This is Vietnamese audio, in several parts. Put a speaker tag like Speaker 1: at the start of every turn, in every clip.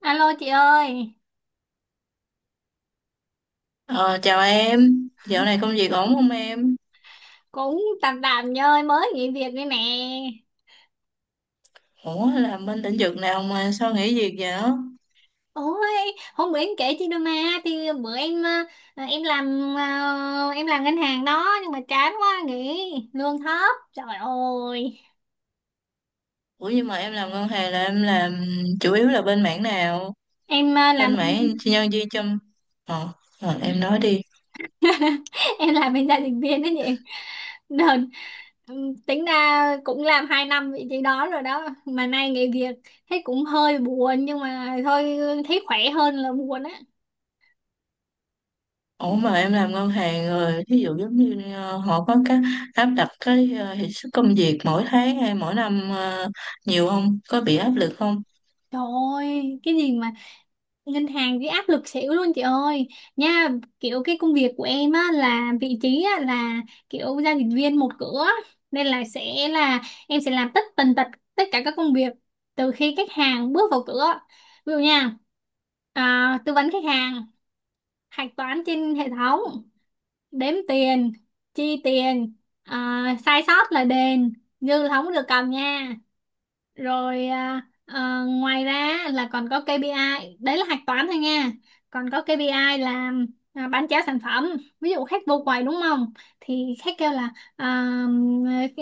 Speaker 1: Alo chị ơi,
Speaker 2: Ờ, Chào em, dạo này công việc ổn không em?
Speaker 1: cũng tạm tạm nha ơi, mới nghỉ việc đây nè.
Speaker 2: Ủa, làm bên lĩnh vực nào mà sao nghỉ việc vậy?
Speaker 1: Ôi, hôm bữa em kể chị đôi mà, thì bữa em em làm em làm ngân hàng đó nhưng mà chán quá nghỉ, lương thấp. Trời ơi,
Speaker 2: Ủa, nhưng mà em làm ngân hàng là em làm chủ yếu là bên mảng nào?
Speaker 1: em
Speaker 2: Bên
Speaker 1: làm
Speaker 2: mảng nhân viên chăm... Ờ, em nói đi.
Speaker 1: em làm bên gia đình viên đó chị. Đợt, tính ra cũng làm 2 năm vị trí đó rồi đó mà nay nghỉ việc thấy cũng hơi buồn nhưng mà thôi thấy khỏe hơn là buồn á.
Speaker 2: Ủa, mà em làm ngân hàng rồi, ví dụ giống như họ có cái áp đặt cái hiệu suất công việc mỗi tháng hay mỗi năm, nhiều không? Có bị áp lực không?
Speaker 1: Trời ơi, cái gì mà ngân hàng với áp lực xỉu luôn chị ơi, nha, kiểu cái công việc của em á là vị trí á là kiểu giao dịch viên một cửa, nên là sẽ là em sẽ làm tất tần tật tất cả các công việc từ khi khách hàng bước vào cửa. Ví dụ nha, tư vấn khách hàng, hạch toán trên hệ thống, đếm tiền, chi tiền, sai sót là đền, dư là không có được cầm nha. Rồi ngoài ra là còn có KPI, đấy là hạch toán thôi nha, còn có KPI là bán trả sản phẩm. Ví dụ khách vô quầy đúng không, thì khách kêu là, à,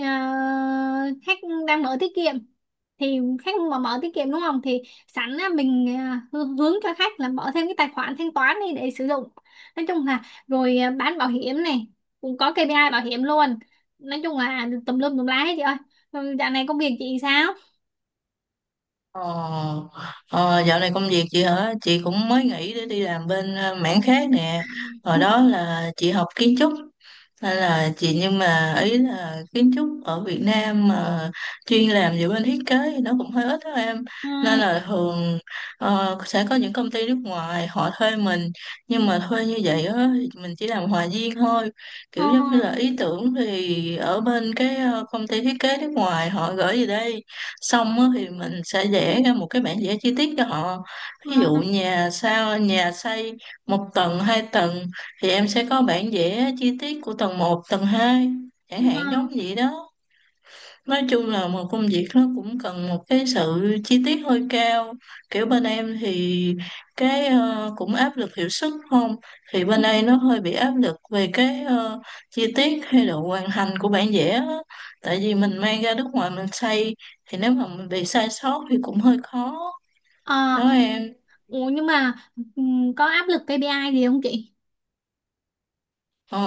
Speaker 1: à, khách đang mở tiết kiệm, thì khách mà mở tiết kiệm đúng không thì sẵn á, mình hướng cho khách là mở thêm cái tài khoản thanh toán đi để sử dụng. Nói chung là, rồi bán bảo hiểm này, cũng có KPI bảo hiểm luôn. Nói chung là tùm lum tùm lá hết chị ơi. Ừ, dạo này công việc chị sao?
Speaker 2: Ờ, ờ, Dạo này công việc chị hả? Chị cũng mới nghỉ để đi làm bên mảng khác nè. Hồi
Speaker 1: Ừ,
Speaker 2: đó là chị học kiến trúc, nên là chị, nhưng mà ý là kiến trúc ở Việt Nam mà chuyên làm về bên thiết kế thì nó cũng hơi ít đó em. Nên là thường sẽ có những công ty nước ngoài họ thuê mình, nhưng mà thuê như vậy á thì mình chỉ làm hòa viên thôi.
Speaker 1: ờ
Speaker 2: Kiểu giống như là ý tưởng thì ở bên cái công ty thiết kế nước ngoài họ gửi về đây, xong á thì mình sẽ vẽ ra một cái bản vẽ chi tiết cho họ. Ví dụ
Speaker 1: ờ
Speaker 2: nhà sao, nhà xây một tầng hai tầng thì em sẽ có bản vẽ chi tiết của tầng một tầng hai, chẳng
Speaker 1: ừ,
Speaker 2: hạn giống vậy đó. Nói chung là một công việc nó cũng cần một cái sự chi tiết hơi cao. Kiểu bên em thì cái cũng áp lực hiệu suất không? Thì
Speaker 1: ừ.
Speaker 2: bên đây nó hơi bị áp lực về cái chi tiết hay độ hoàn thành của bản vẽ á. Tại vì mình mang ra nước ngoài mình xây, thì nếu mà mình bị sai sót thì cũng hơi khó.
Speaker 1: Ờ,
Speaker 2: Đó em.
Speaker 1: ủa nhưng mà ừ, có áp lực KPI gì không chị?
Speaker 2: Ờ,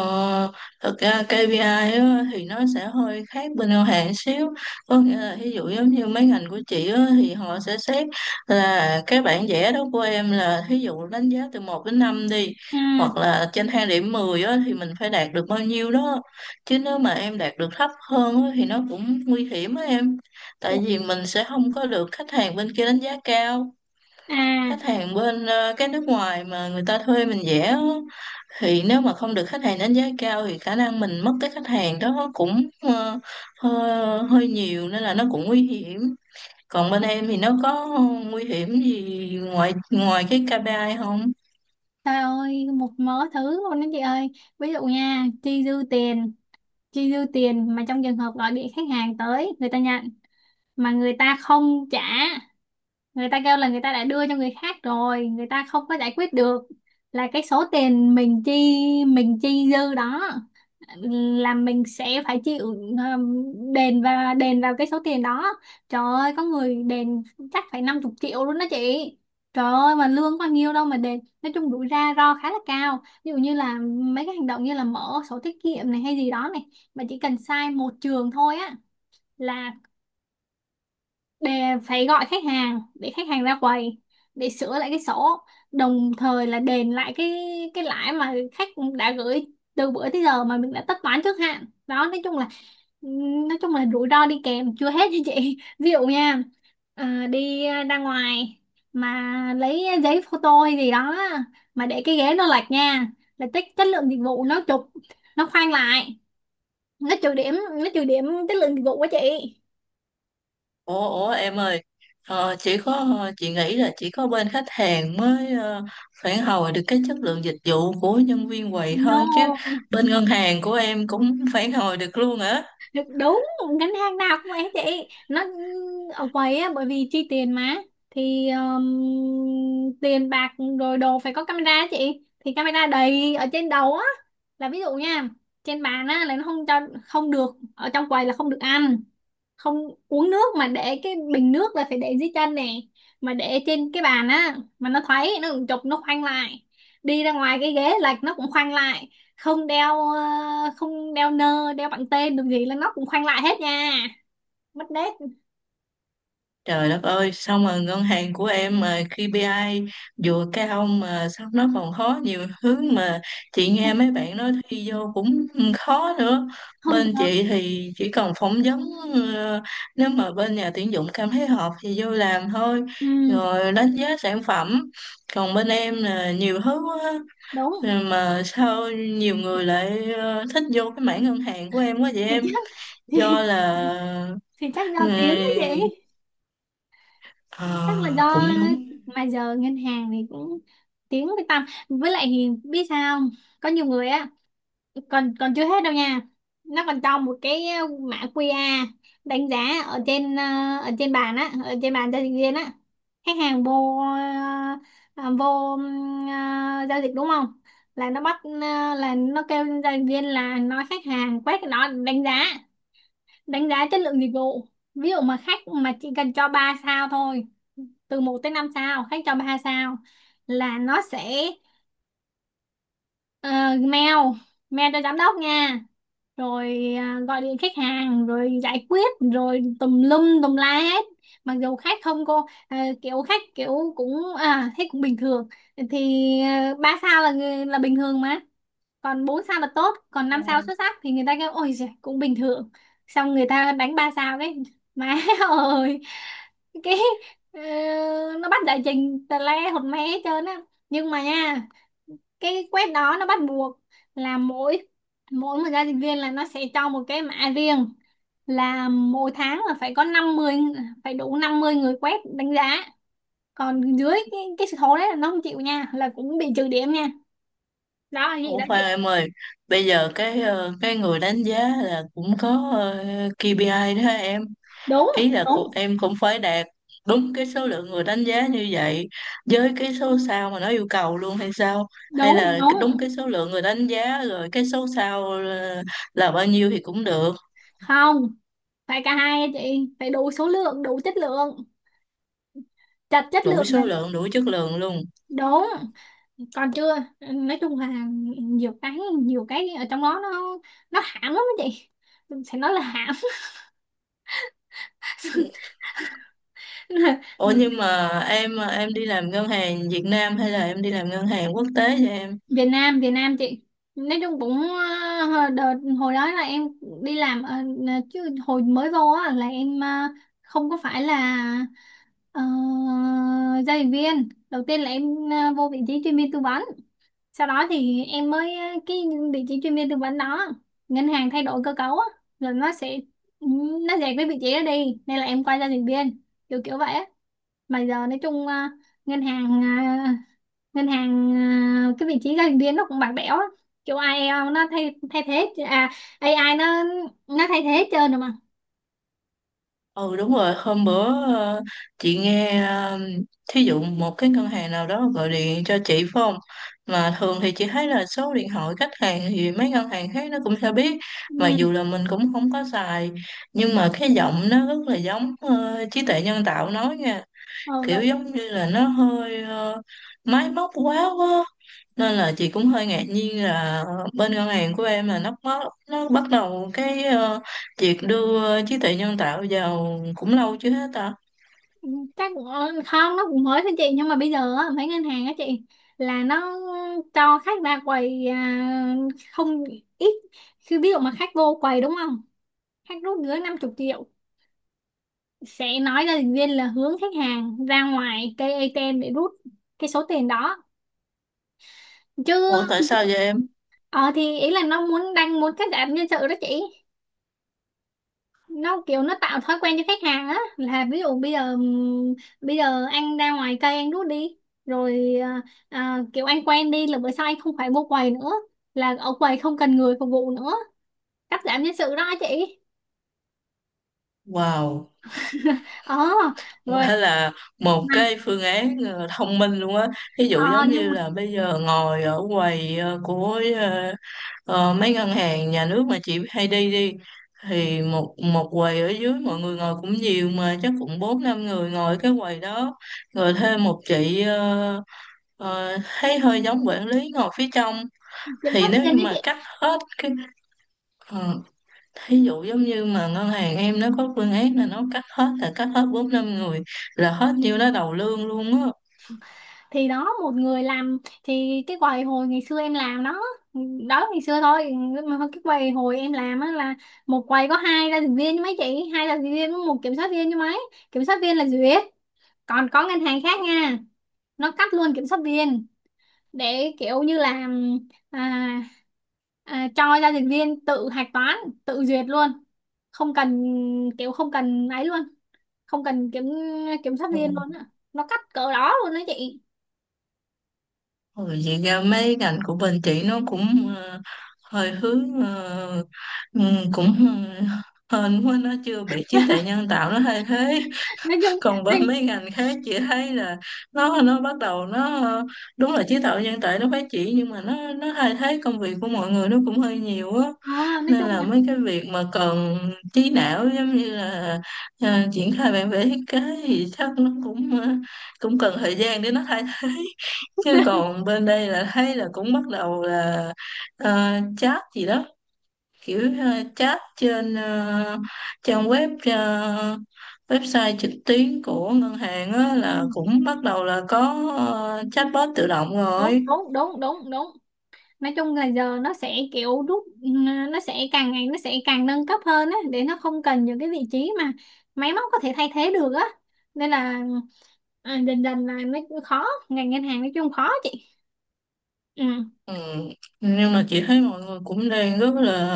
Speaker 2: Thực ra KPI á, thì nó sẽ hơi khác bên ngân hàng xíu, có nghĩa là ví dụ giống như mấy ngành của chị á, thì họ sẽ xét là cái bảng vẽ đó của em là ví dụ đánh giá từ một đến 5 đi,
Speaker 1: Ừ.
Speaker 2: hoặc là trên thang điểm 10 á, thì mình phải đạt được bao nhiêu đó. Chứ nếu mà em đạt được thấp hơn á, thì nó cũng nguy hiểm á em, tại vì mình sẽ không có được khách hàng bên kia đánh giá cao.
Speaker 1: À,
Speaker 2: Khách hàng bên cái nước ngoài mà người ta thuê mình vẽ á, thì nếu mà không được khách hàng đánh giá cao thì khả năng mình mất cái khách hàng đó cũng hơi, hơi nhiều, nên là nó cũng nguy hiểm. Còn bên em thì nó có nguy hiểm gì ngoài ngoài cái KPI không?
Speaker 1: trời ơi, một mớ thứ luôn đó chị ơi. Ví dụ nha, chi dư tiền mà trong trường hợp gọi điện khách hàng tới, người ta nhận mà người ta không trả, người ta kêu là người ta đã đưa cho người khác rồi, người ta không có giải quyết được, là cái số tiền mình chi, mình chi dư đó, là mình sẽ phải chịu, đền và đền vào cái số tiền đó. Trời ơi có người đền chắc phải năm chục triệu luôn đó chị. Trời ơi mà lương có nhiêu đâu mà đền. Nói chung rủi ra ro khá là cao, ví dụ như là mấy cái hành động như là mở sổ tiết kiệm này hay gì đó này, mà chỉ cần sai một trường thôi á, là để phải gọi khách hàng để khách hàng ra quầy để sửa lại cái sổ, đồng thời là đền lại cái lãi mà khách đã gửi từ bữa tới giờ mà mình đã tất toán trước hạn đó. Nói chung là, nói chung là rủi ro đi kèm chưa hết nha chị. Ví dụ nha, đi ra ngoài mà lấy giấy photo hay gì đó mà để cái ghế nó lệch nha, là chất chất lượng dịch vụ nó chụp, nó khoan lại, nó trừ điểm, nó trừ điểm chất lượng dịch vụ quá chị.
Speaker 2: Ủa, em ơi, chỉ có, chị nghĩ là chỉ có bên khách hàng mới phản hồi được cái chất lượng dịch vụ của nhân viên quầy thôi chứ,
Speaker 1: No.
Speaker 2: bên ngân hàng của em cũng phản hồi được luôn hả?
Speaker 1: Được, đúng, ngân hàng nào cũng ấy chị, nó ở quầy á bởi vì chi tiền mà, thì tiền bạc rồi đồ phải có camera á chị, thì camera đầy ở trên đầu á. Là ví dụ nha, trên bàn á là nó không cho, không được, ở trong quầy là không được ăn, không uống nước, mà để cái bình nước là phải để dưới chân nè, mà để trên cái bàn á mà nó thấy nó cũng chụp nó khoanh lại, đi ra ngoài cái ghế lệch nó cũng khoanh lại, không đeo không đeo nơ đeo bằng tên được gì là nó cũng khoanh lại hết nha, mất nét.
Speaker 2: Trời đất ơi, sao mà ngân hàng của em mà KPI vừa cao mà sao nó còn khó nhiều thứ, mà chị nghe
Speaker 1: Không,
Speaker 2: mấy bạn nói thi vô cũng khó nữa.
Speaker 1: không
Speaker 2: Bên
Speaker 1: nhờ.
Speaker 2: chị thì chỉ cần phỏng vấn, ờ, nếu mà bên nhà tuyển dụng cảm thấy hợp thì vô làm thôi,
Speaker 1: Ừ
Speaker 2: rồi đánh giá sản phẩm. Còn bên em là nhiều thứ quá.
Speaker 1: đúng,
Speaker 2: Mà sao nhiều người lại thích vô cái mảng ngân hàng của em quá vậy
Speaker 1: thì
Speaker 2: em?
Speaker 1: chắc
Speaker 2: Do
Speaker 1: thì,
Speaker 2: là
Speaker 1: thì chắc do
Speaker 2: ừ,
Speaker 1: tiếng đó chị, chắc là
Speaker 2: ờ,
Speaker 1: do
Speaker 2: cũng đúng.
Speaker 1: mà giờ ngân hàng thì cũng tiếng với tăm với lại thì biết sao không? Có nhiều người á. Còn còn chưa hết đâu nha, nó còn cho một cái mã QR đánh giá ở trên ở trên bàn á, ở trên bàn giao dịch viên á. Khách hàng vô, ờ, vô giao dịch đúng không, là nó bắt là nó kêu giao dịch viên là nói khách hàng quét cái đó để đánh giá, đánh giá chất lượng dịch vụ. Ví dụ mà khách mà chỉ cần cho 3 sao thôi, từ một tới 5 sao khách cho 3 sao, là nó sẽ ờ, mail, mail cho giám đốc nha, rồi gọi điện khách hàng rồi giải quyết rồi tùm lum tùm la hết. Mặc dù khách không cô à, kiểu khách kiểu cũng, à thấy cũng bình thường thì à, ba sao là người- là bình thường mà, còn bốn sao là tốt, còn năm sao xuất sắc, thì người ta kêu ôi giời, cũng bình thường, xong người ta đánh ba sao đấy má. Ơi cái, ờ, nó bắt giải trình tè le hột me hết trơn á nhưng mà nha, cái quét đó nó bắt buộc là mỗi, mỗi một giao dịch viên là nó sẽ cho một cái mã riêng, là mỗi tháng là phải có 50, phải đủ 50 người quét đánh giá, còn dưới cái số đấy là nó không chịu nha, là cũng bị trừ điểm nha, đó là gì
Speaker 2: Ủa
Speaker 1: đó
Speaker 2: khoan
Speaker 1: chị.
Speaker 2: em ơi, bây giờ cái cái người đánh giá là cũng có KPI đó em.
Speaker 1: Đúng
Speaker 2: Ý là của
Speaker 1: đúng
Speaker 2: em cũng phải đạt đúng cái số lượng người đánh giá như vậy với cái số sao mà nó yêu cầu luôn hay sao? Hay
Speaker 1: đúng
Speaker 2: là
Speaker 1: đúng.
Speaker 2: cái- đúng cái số lượng người đánh giá rồi cái số sao là bao nhiêu thì cũng được,
Speaker 1: Không, phải cả hai á chị, phải đủ số lượng đủ chất lượng, chặt chất
Speaker 2: đủ
Speaker 1: lượng là
Speaker 2: số lượng, đủ chất lượng luôn.
Speaker 1: đúng. Còn chưa, nói chung là nhiều cái, nhiều cái ở trong đó nó hãm lắm á chị, sẽ nói là hãm.
Speaker 2: Ủa nhưng mà em, đi làm ngân hàng Việt Nam hay là em đi làm ngân hàng quốc tế vậy em?
Speaker 1: Việt Nam, Việt Nam chị, nói chung cũng đợt hồi đó là em đi làm chứ hồi mới vô á là em không có phải là ờ, giao dịch viên, đầu tiên là em vô vị trí chuyên viên tư vấn, sau đó thì em mới cái vị trí chuyên viên tư vấn đó ngân hàng thay đổi cơ cấu á, rồi nó sẽ, nó dẹp cái vị trí đó đi nên là em quay ra dịch viên, kiểu kiểu vậy á. Mà giờ nói chung ngân hàng ngân hàng cái vị trí giao dịch viên nó cũng bạc bẽo á, kiểu ai eo nó thay thay thế à, AI nó thay thế hết trơn rồi mà.
Speaker 2: Ừ đúng rồi, hôm bữa ờ, chị nghe, thí dụ một cái ngân hàng nào đó gọi điện cho chị phải không? Mà thường thì chị thấy là số điện thoại khách hàng thì mấy ngân hàng khác nó cũng sẽ biết,
Speaker 1: Ừ,
Speaker 2: mặc dù là mình cũng không có xài, nhưng mà cái giọng nó rất là giống trí tuệ nhân tạo nói nha,
Speaker 1: ừ,
Speaker 2: kiểu
Speaker 1: đúng.
Speaker 2: giống như là nó hơi máy móc quá quá, nên là chị cũng hơi ngạc nhiên là bên ngân hàng của em là nó bắt đầu cái việc đưa trí tuệ nhân tạo vào cũng lâu chưa hết ta.
Speaker 1: Chắc cũng không nó cũng mới thôi chị, nhưng mà bây giờ á, mấy ngân hàng á chị là nó cho khách ra quầy không ít khi, ví dụ mà khách vô quầy đúng không, khách rút dưới 50 triệu sẽ nói ra dịch viên là hướng khách hàng ra ngoài cây ATM để rút cái số tiền đó chứ.
Speaker 2: Ủa tại sao vậy em?
Speaker 1: Ờ thì ý là nó muốn đang muốn cắt giảm nhân sự đó chị, nó kiểu nó tạo thói quen cho khách hàng á, là ví dụ bây giờ anh ra ngoài cây anh rút đi, rồi kiểu anh quen đi là bữa sau anh không phải mua quầy nữa, là ở quầy không cần người phục vụ nữa, cắt giảm nhân sự đó chị.
Speaker 2: Wow,
Speaker 1: Ờ rồi
Speaker 2: hay là một
Speaker 1: mà
Speaker 2: cái phương án thông minh luôn á. Ví dụ
Speaker 1: ờ,
Speaker 2: giống
Speaker 1: nhưng
Speaker 2: như
Speaker 1: mà,
Speaker 2: là bây giờ ngồi ở quầy của mấy ngân hàng nhà nước mà chị hay đi đi, thì một một quầy ở dưới mọi người ngồi cũng nhiều, mà chắc cũng bốn năm người ngồi cái quầy đó, rồi thêm một chị thấy hơi giống quản lý ngồi phía trong.
Speaker 1: kiểm
Speaker 2: Thì
Speaker 1: soát
Speaker 2: nếu
Speaker 1: viên
Speaker 2: như
Speaker 1: đó chị,
Speaker 2: mà cắt hết cái ờ, ví dụ giống như mà ngân hàng em nó có phương án là nó cắt hết, là cắt hết bốn năm người, là hết nhiêu đó đầu lương luôn á.
Speaker 1: thì đó một người làm, thì cái quầy hồi ngày xưa em làm đó, đó ngày xưa thôi, mà cái quầy hồi em làm á là một quầy có hai giao dịch viên chứ mấy chị, hai giao dịch viên với một kiểm soát viên chứ mấy, kiểm soát viên là duyệt. Còn có ngân hàng khác nha, nó cắt luôn kiểm soát viên, để kiểu như là à, cho giao dịch viên tự hạch toán, tự duyệt luôn, không cần, kiểu không cần ấy luôn, không cần kiểm, kiểm soát viên luôn
Speaker 2: Ừ.
Speaker 1: á, nó cắt cỡ đó luôn đó chị.
Speaker 2: Rồi vậy ra mấy ngành của bên chị nó cũng hơi hướng ừ, cũng hên quá nó chưa bị trí tuệ nhân tạo nó thay thế.
Speaker 1: Nói chung,
Speaker 2: Còn bên mấy ngành khác chị thấy là nó bắt đầu nó, đúng là trí tuệ nhân tạo nó phát triển, nhưng mà nó thay thế công việc của mọi người nó cũng hơi nhiều á.
Speaker 1: Ờ, nói
Speaker 2: Nên
Speaker 1: chung
Speaker 2: là
Speaker 1: là
Speaker 2: mấy cái việc mà cần trí não giống như là ờ, triển khai bản vẽ thiết kế thì chắc nó cũng cũng cần thời gian để nó thay thế. Chứ còn bên đây là thấy là cũng bắt đầu là chat gì đó, kiểu chat trên trang web, website trực tuyến của ngân hàng á, là
Speaker 1: ừ,
Speaker 2: cũng bắt đầu là có chatbot tự động
Speaker 1: đúng
Speaker 2: rồi.
Speaker 1: đúng đúng đúng đúng. Nói chung là giờ nó sẽ kiểu rút nó sẽ càng ngày nó sẽ càng nâng cấp hơn á, để nó không cần những cái vị trí mà máy móc có thể thay thế được á, nên là dần dần là nó khó, ngành ngân hàng nói chung khó chị. Ừ.
Speaker 2: Ừ. Nhưng mà chị thấy mọi người cũng đang rất là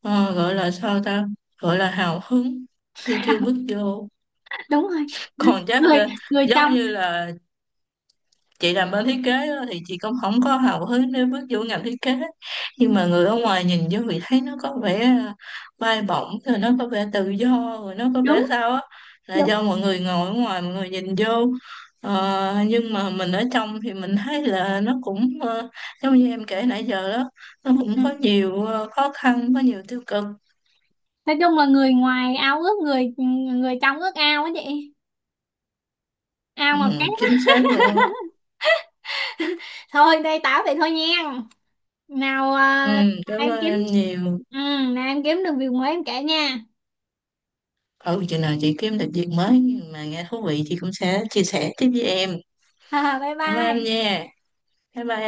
Speaker 2: gọi là sao ta, gọi là hào hứng khi chưa bước vô.
Speaker 1: Đúng rồi,
Speaker 2: Còn chắc
Speaker 1: người người
Speaker 2: giống
Speaker 1: trong,
Speaker 2: như là chị làm bên thiết kế á, thì chị cũng không có hào hứng để bước vô ngành thiết kế, nhưng mà người ở ngoài nhìn vô thì thấy nó có vẻ à, bay bổng, rồi nó có vẻ tự do, rồi nó có vẻ
Speaker 1: đúng
Speaker 2: sao á, là
Speaker 1: đúng.
Speaker 2: do mọi người ngồi ở ngoài mọi người nhìn vô. Ờ, nhưng mà mình ở trong thì mình thấy là nó cũng giống như em kể nãy giờ đó, nó
Speaker 1: Ừ.
Speaker 2: cũng
Speaker 1: Ừ.
Speaker 2: có nhiều khó khăn, có nhiều tiêu cực.
Speaker 1: Nói chung là người ngoài ao ước, người người trong ước ao á chị, ao
Speaker 2: Ừ,
Speaker 1: ngọt cát.
Speaker 2: chính xác luôn á.
Speaker 1: Thôi đây tao vậy thôi nha, nào
Speaker 2: Ừ,
Speaker 1: à,
Speaker 2: cảm
Speaker 1: em
Speaker 2: ơn
Speaker 1: kiếm,
Speaker 2: em nhiều.
Speaker 1: ừ, nào em kiếm được việc mới em kể nha.
Speaker 2: Ừ, chừng nào chị kiếm được việc mới mà nghe thú vị chị cũng sẽ chia sẻ tiếp với em.
Speaker 1: Bye
Speaker 2: Cảm ơn em
Speaker 1: bye.
Speaker 2: nha. Bye bye em.